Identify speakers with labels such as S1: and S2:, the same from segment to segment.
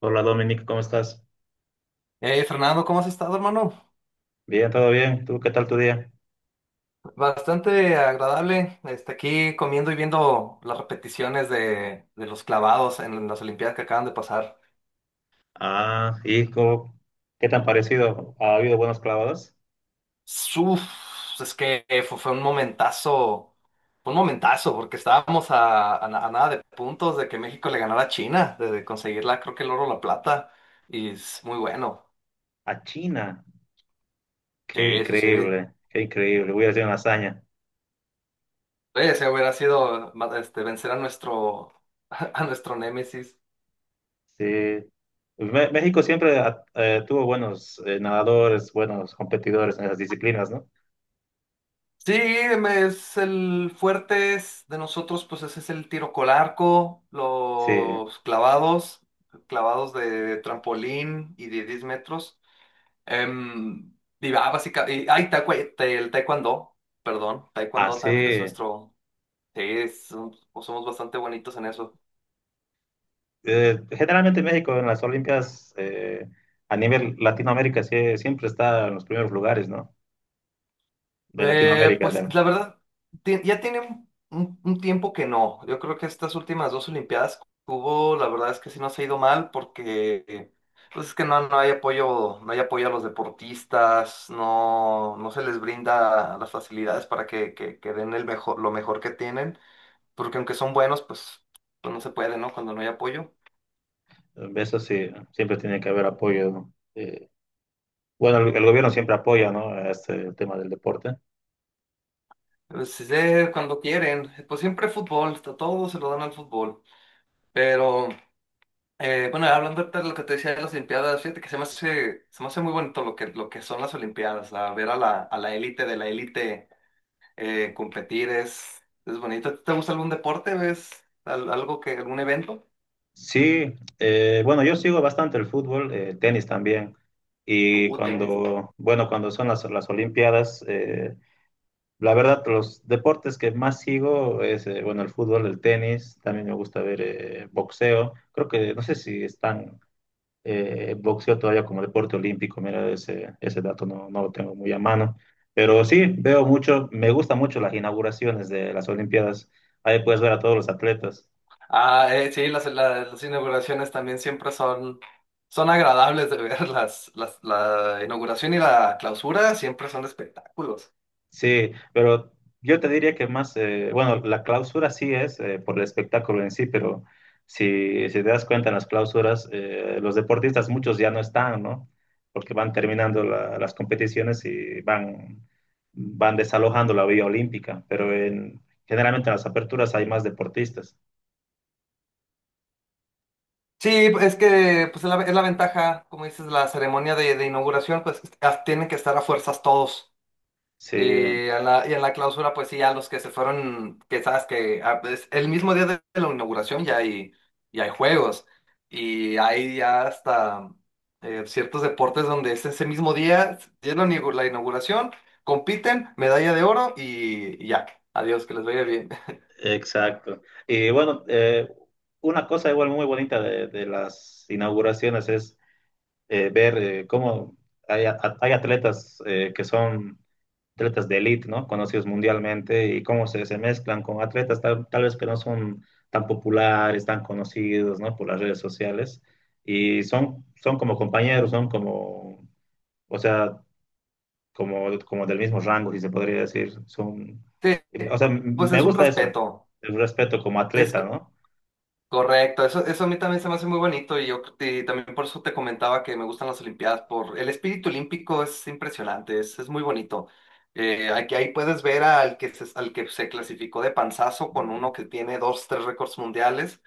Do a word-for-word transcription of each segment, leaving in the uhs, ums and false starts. S1: Hola Dominic, ¿cómo estás?
S2: Eh, Fernando, ¿cómo has estado, hermano?
S1: Bien, todo bien. ¿Tú qué tal tu día?
S2: Bastante agradable. Este, aquí comiendo y viendo las repeticiones de, de los clavados en las Olimpiadas que acaban de pasar.
S1: Ah, ¿y cómo- ¿Qué tan parecido? ¿Ha habido buenos clavados?
S2: Uf, es que fue, fue un momentazo, fue un momentazo, porque estábamos a, a na- a nada de puntos de que México le ganara a China, de, de conseguirla, creo que el oro o la plata, y es muy bueno.
S1: A China. Qué
S2: Sí, sí, sí.
S1: increíble, qué increíble. Voy a hacer una hazaña.
S2: Ese hubiera sido ma- este, vencer a nuestro, a nuestro némesis.
S1: Sí. Me- México siempre ah, eh, tuvo buenos eh, nadadores, buenos competidores en esas disciplinas, ¿no?
S2: Sí, me- es el fuerte es- de nosotros, pues ese es el tiro con arco,
S1: Sí.
S2: los clavados, clavados de trampolín y de diez metros. Em, y ah, básicamente, ay, taecwe- te- el taekwondo, perdón, taekwondo también es
S1: Así.
S2: nuestro, sí, es- somos bastante bonitos en eso.
S1: Generalmente México en las Olimpiadas, eh, a nivel Latinoamérica, sí, siempre está en los primeros lugares, ¿no? De
S2: Eh,
S1: Latinoamérica.
S2: pues la verdad, ti- ya tiene un, un- un tiempo que no. Yo creo que estas últimas dos Olimpiadas que hubo, la verdad es que sí nos ha ido mal porque eh, pues es que no, no hay apoyo, no hay apoyo a los deportistas, no, no se les brinda las facilidades para que, que, que den el mejor, lo mejor que tienen, porque aunque son buenos, pues, pues no se puede, ¿no? Cuando no hay apoyo.
S1: Eso sí, siempre tiene que haber apoyo, ¿no? Eh, bueno, el, el gobierno siempre apoya, ¿no?, a este tema del deporte.
S2: Pues, eh, cuando quieren, pues siempre fútbol, todo se lo dan al fútbol, pero... Eh, bueno, hablando ahorita de lo que te decía de las Olimpiadas, fíjate que se me hace, se me hace muy bonito lo que, lo que son las Olimpiadas, a ver a la, a la élite de la élite eh, competir es, es bonito. ¿Te gusta algún deporte? ¿Ves al- algo que, algún evento?
S1: Sí, eh, bueno, yo sigo bastante el fútbol, eh, tenis también. Y
S2: Uh, tenis.
S1: cuando, bueno, cuando son las, las Olimpiadas, eh, la verdad, los deportes que más sigo es, eh, bueno, el fútbol, el tenis, también me gusta ver eh, boxeo. Creo que, no sé si están eh, boxeo todavía como deporte olímpico. Mira, ese, ese dato no, no lo tengo muy a mano, pero sí, veo
S2: No.
S1: mucho, me gustan mucho las inauguraciones de las Olimpiadas, ahí puedes ver a todos los atletas.
S2: Ah, eh, sí, las, la- las inauguraciones también siempre son, son agradables de ver. Las, las, la inauguración y la clausura siempre son espectáculos.
S1: Sí, pero yo te diría que más, eh, bueno, la clausura sí es, eh, por el espectáculo en sí, pero si, si te das cuenta en las clausuras, eh, los deportistas muchos ya no están, ¿no? Porque van terminando la- las competiciones y van, van desalojando la vía olímpica, pero en, generalmente en las aperturas hay más deportistas.
S2: Sí, es que pues es la, es la ventaja, como dices, la ceremonia de, de inauguración, pues a- tienen que estar a fuerzas todos.
S1: Sí,
S2: Y en la, y en la clausura, pues sí, a los que se fueron, que sabes que ah, pues, el mismo día de la inauguración ya hay, ya hay juegos y hay ya hasta eh, ciertos deportes donde es ese mismo día, ya la inaugu- la inauguración, compiten, medalla de oro y, y ya, adiós, que les vaya bien.
S1: exacto. Y bueno, eh, una cosa igual muy bonita de, de las inauguraciones es, eh, ver, eh, cómo hay, a- hay atletas, eh, que son atletas de élite, ¿no? Conocidos mundialmente, y cómo se, se mezclan con atletas tal, tal vez que no son tan populares, tan conocidos, ¿no?, por las redes sociales. Y son, son como compañeros, son como, o sea, como, como del mismo rango, si se podría decir. Son,
S2: Sí,
S1: o sea, m-
S2: pues
S1: me
S2: es un
S1: gusta eso,
S2: respeto.
S1: el respeto como
S2: Es
S1: atleta, ¿no?
S2: Correcto, eso, eso a mí también se me hace muy bonito y yo y también por eso te comentaba que me gustan las Olimpiadas, por el espíritu olímpico es impresionante, es, es muy bonito. Eh, aquí ahí puedes ver al que se, al que se clasificó de panzazo con uno que tiene dos, tres récords mundiales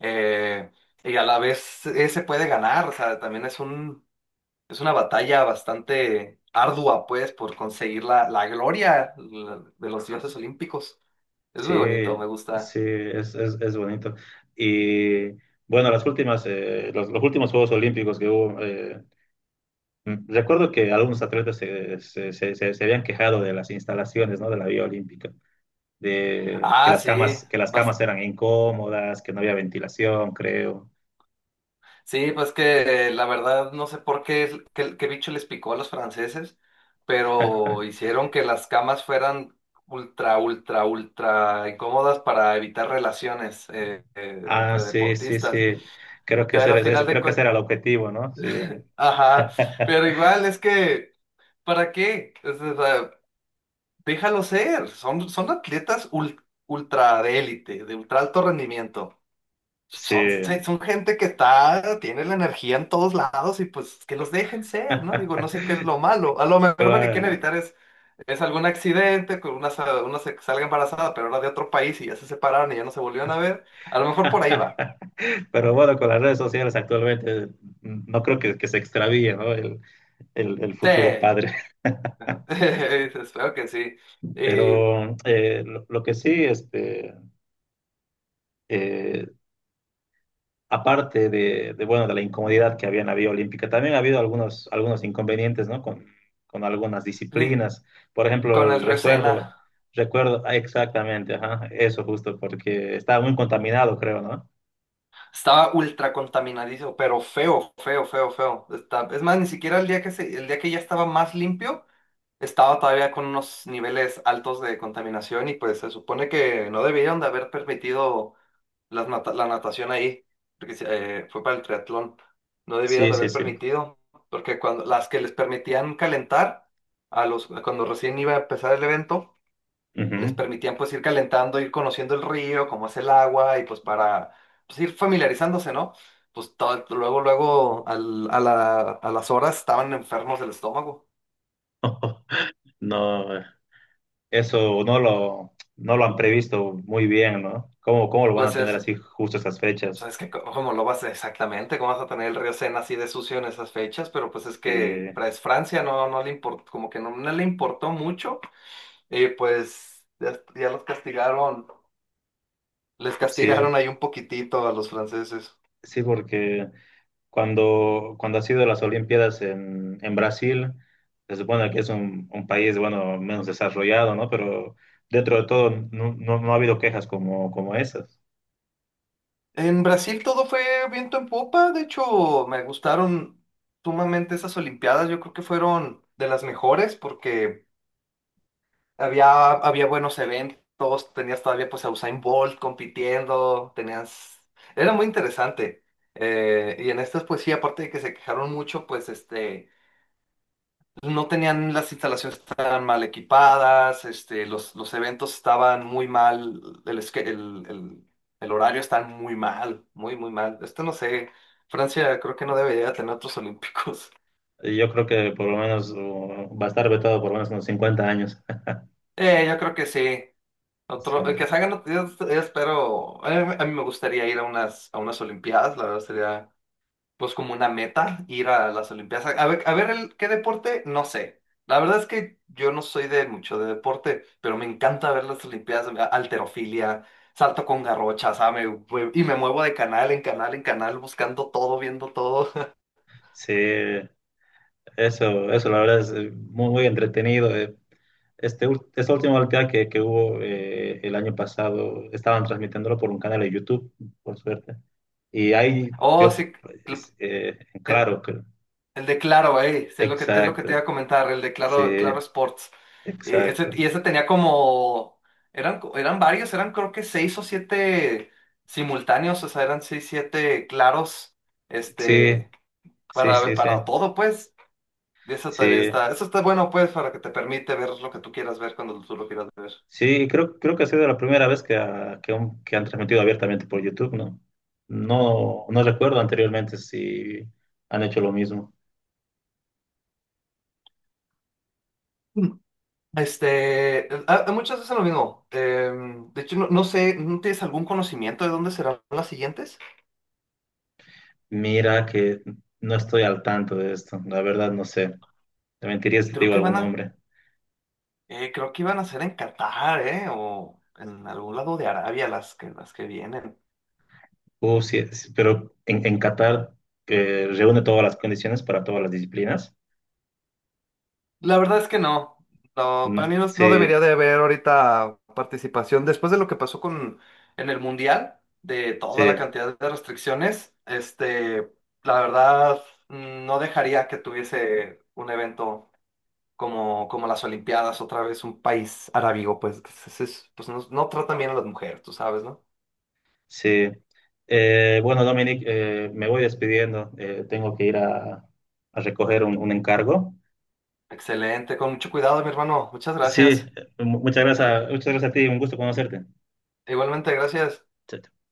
S2: eh, y a la vez ese puede ganar, o sea, también es un, es una batalla bastante ardua pues por conseguir la, la gloria la- de los dioses olímpicos. Es
S1: Sí,
S2: muy bonito, me gusta.
S1: sí, es, es, es bonito. Y bueno, las últimas, eh, los, los últimos Juegos Olímpicos que hubo, eh, mm, recuerdo que algunos atletas se, se, se, se- se habían quejado de las instalaciones, ¿no? De la vía olímpica, de que
S2: Ah,
S1: las
S2: sí.
S1: camas, que las camas eran incómodas, que no había ventilación, creo.
S2: Sí, pues que eh, la verdad no sé por qué, es- qué, qué bicho les picó a los franceses, pero hicieron que las camas fueran ultra, ultra, ultra incómodas para evitar relaciones eh, eh,
S1: Ah,
S2: entre
S1: sí, sí,
S2: deportistas.
S1: sí. Creo que ese
S2: Pero
S1: era,
S2: al final
S1: ese-
S2: de
S1: creo que ese
S2: cuentas,
S1: era el objetivo, ¿no? Sí,
S2: ajá, pero igual es que, ¿para qué? Es- es, eh, déjalo ser, son, son atletas ul- ultra de élite, de ultra alto rendimiento.
S1: sí.
S2: Son, se- son gente que está, tiene la energía en todos lados y pues que los dejen ser, ¿no? Digo, no sé qué es lo malo. A lo mejor lo que quieren
S1: Claro.
S2: evitar es, es algún accidente, que una, sa- una se salga embarazada, pero era de otro país y ya se separaron y ya no se volvieron a ver. A lo mejor por ahí va.
S1: Pero bueno, con las redes sociales actualmente, mm, no creo que, que se extravíe, ¿no?, el, el- el
S2: Sí.
S1: futuro padre.
S2: Espero que sí. Y,
S1: Pero eh, lo, lo que sí, este, eh, aparte de, de, bueno, de la incomodidad que había en la vía olímpica, también ha habido algunos, algunos inconvenientes, ¿no? Con, con algunas
S2: y
S1: disciplinas. Por
S2: con
S1: ejemplo,
S2: el Río.
S1: recuerdo, recuerdo ah, exactamente, ajá, eso justo, porque estaba muy contaminado, creo, ¿no?
S2: Estaba ultra contaminadísimo, pero feo, feo, feo, feo. Está- es más, ni siquiera el día que se, el día que ya estaba más limpio. Estaba todavía con unos niveles altos de contaminación y pues se supone que no debieron de haber permitido las nata- la natación ahí, porque eh, fue para el triatlón, no debieron
S1: Sí,
S2: de
S1: sí,
S2: haber
S1: sí.
S2: permitido, porque cuando las que les permitían calentar, a los, cuando recién iba a empezar el evento, les
S1: Ujú.
S2: permitían pues ir calentando, ir conociendo el río, cómo es el agua y pues para pues, ir familiarizándose, ¿no? Pues todo- luego, luego al- a la- a las horas estaban enfermos del estómago.
S1: No, eh, eso no lo, no lo han previsto muy bien, ¿no? ¿Cómo, cómo lo van a
S2: Pues
S1: tener
S2: es,
S1: así justo esas
S2: O
S1: fechas?
S2: sea, es que co- cómo lo vas a- exactamente, cómo vas a tener el río Sena así de sucio en esas fechas, pero pues es que
S1: Este,
S2: Fra- es Francia no, no le importó, como que no, no le importó mucho, y pues ya, ya los castigaron, les castigaron
S1: sí,
S2: ahí un poquitito a los franceses.
S1: sí, porque cuando, cuando ha sido las Olimpiadas en, en Brasil, se supone que es un, un país, bueno, menos desarrollado, ¿no?, pero dentro de todo no, no, no ha habido quejas como, como esas.
S2: En Brasil todo fue viento en popa, de hecho me gustaron sumamente esas Olimpiadas, yo creo que fueron de las mejores porque Había, había buenos eventos, tenías todavía pues a Usain Bolt compitiendo, tenías... Era muy interesante. Eh, y en estas pues sí, aparte de que se quejaron mucho, pues este, no tenían las instalaciones tan mal equipadas, este, los, los eventos estaban muy mal, el, esque- el, el, el horario está muy mal, muy, muy mal. Esto no sé, Francia creo que no debería tener otros olímpicos.
S1: Y yo creo que por lo menos, uh, va a estar vetado por lo menos unos cincuenta años.
S2: Eh, yo creo que sí. Otro, eh, que se hagan, yo, yo espero, a mí, a mí me gustaría ir a unas, a unas Olimpiadas, la verdad sería pues como una meta ir a las Olimpiadas. A ver, a ver el, qué deporte, no sé. La verdad es que yo no soy de mucho de deporte, pero me encanta ver las Olimpiadas, a- alterofilia, salto con garrocha, ¿sabes? Y me muevo de canal en canal en canal buscando todo, viendo todo.
S1: Sí, sí. Eso, eso la verdad es, eh, muy, muy entretenido. eh. Este, ul- esta última Olimpiada que, que hubo, eh, el año pasado, estaban transmitiéndolo por un canal de YouTube, por suerte. Y ahí
S2: Oh,
S1: yo,
S2: sí, cl-
S1: pues, eh, claro, que,
S2: el de Claro, ahí, sí, es lo que, es lo que, te
S1: exacto,
S2: iba a comentar, el de Claro,
S1: sí,
S2: Claro Sports. Eh, ese-
S1: exacto.
S2: y ese tenía como, eran, co- eran varios, eran creo que seis o siete simultáneos, o sea, eran seis, siete claros,
S1: Sí,
S2: este,
S1: sí,
S2: para,
S1: sí, sí,
S2: para todo, pues. Y eso también
S1: sí,
S2: está, eso está bueno, pues, para que te permite ver lo que tú quieras ver cuando tú lo quieras ver.
S1: sí, creo, creo que ha sido la primera vez que, ha- que, un- que han transmitido abiertamente por YouTube, ¿no? No, no recuerdo anteriormente si han hecho lo mismo.
S2: Mm. Este, a- a muchas veces lo mismo. Em, de hecho, no, no sé, ¿no tienes algún conocimiento de dónde serán las siguientes?
S1: Mira que no estoy al tanto de esto, la verdad no sé. Te mentiría si te
S2: Creo
S1: digo
S2: que van
S1: algún
S2: a
S1: nombre.
S2: Eh, creo que iban a ser en Qatar, ¿eh? O en algún lado de Arabia las que, las que vienen.
S1: Uh, sí, sí, pero en, en Qatar, eh, reúne todas las condiciones para todas las disciplinas.
S2: La verdad es que no. No, para
S1: Mm,
S2: mí no, no debería
S1: Sí,
S2: de haber ahorita participación. Después de lo que pasó con en el Mundial, de toda la
S1: sí,
S2: cantidad de restricciones, este, la verdad mm, no dejaría que tuviese un evento como, como las Olimpiadas, otra vez un país arábigo, pues, que se- se- pues no, no tratan bien a las mujeres, tú sabes, ¿no?
S1: sí. Eh, bueno, Dominic, eh, me voy despidiendo. Eh, tengo que ir a, a recoger un, un encargo.
S2: Excelente, con mucho cuidado, mi hermano. Muchas
S1: Sí, eh,
S2: gracias.
S1: mu- muchas gracias, muchas gracias a ti, un gusto conocerte.
S2: Igualmente, gracias.
S1: Chao, chao.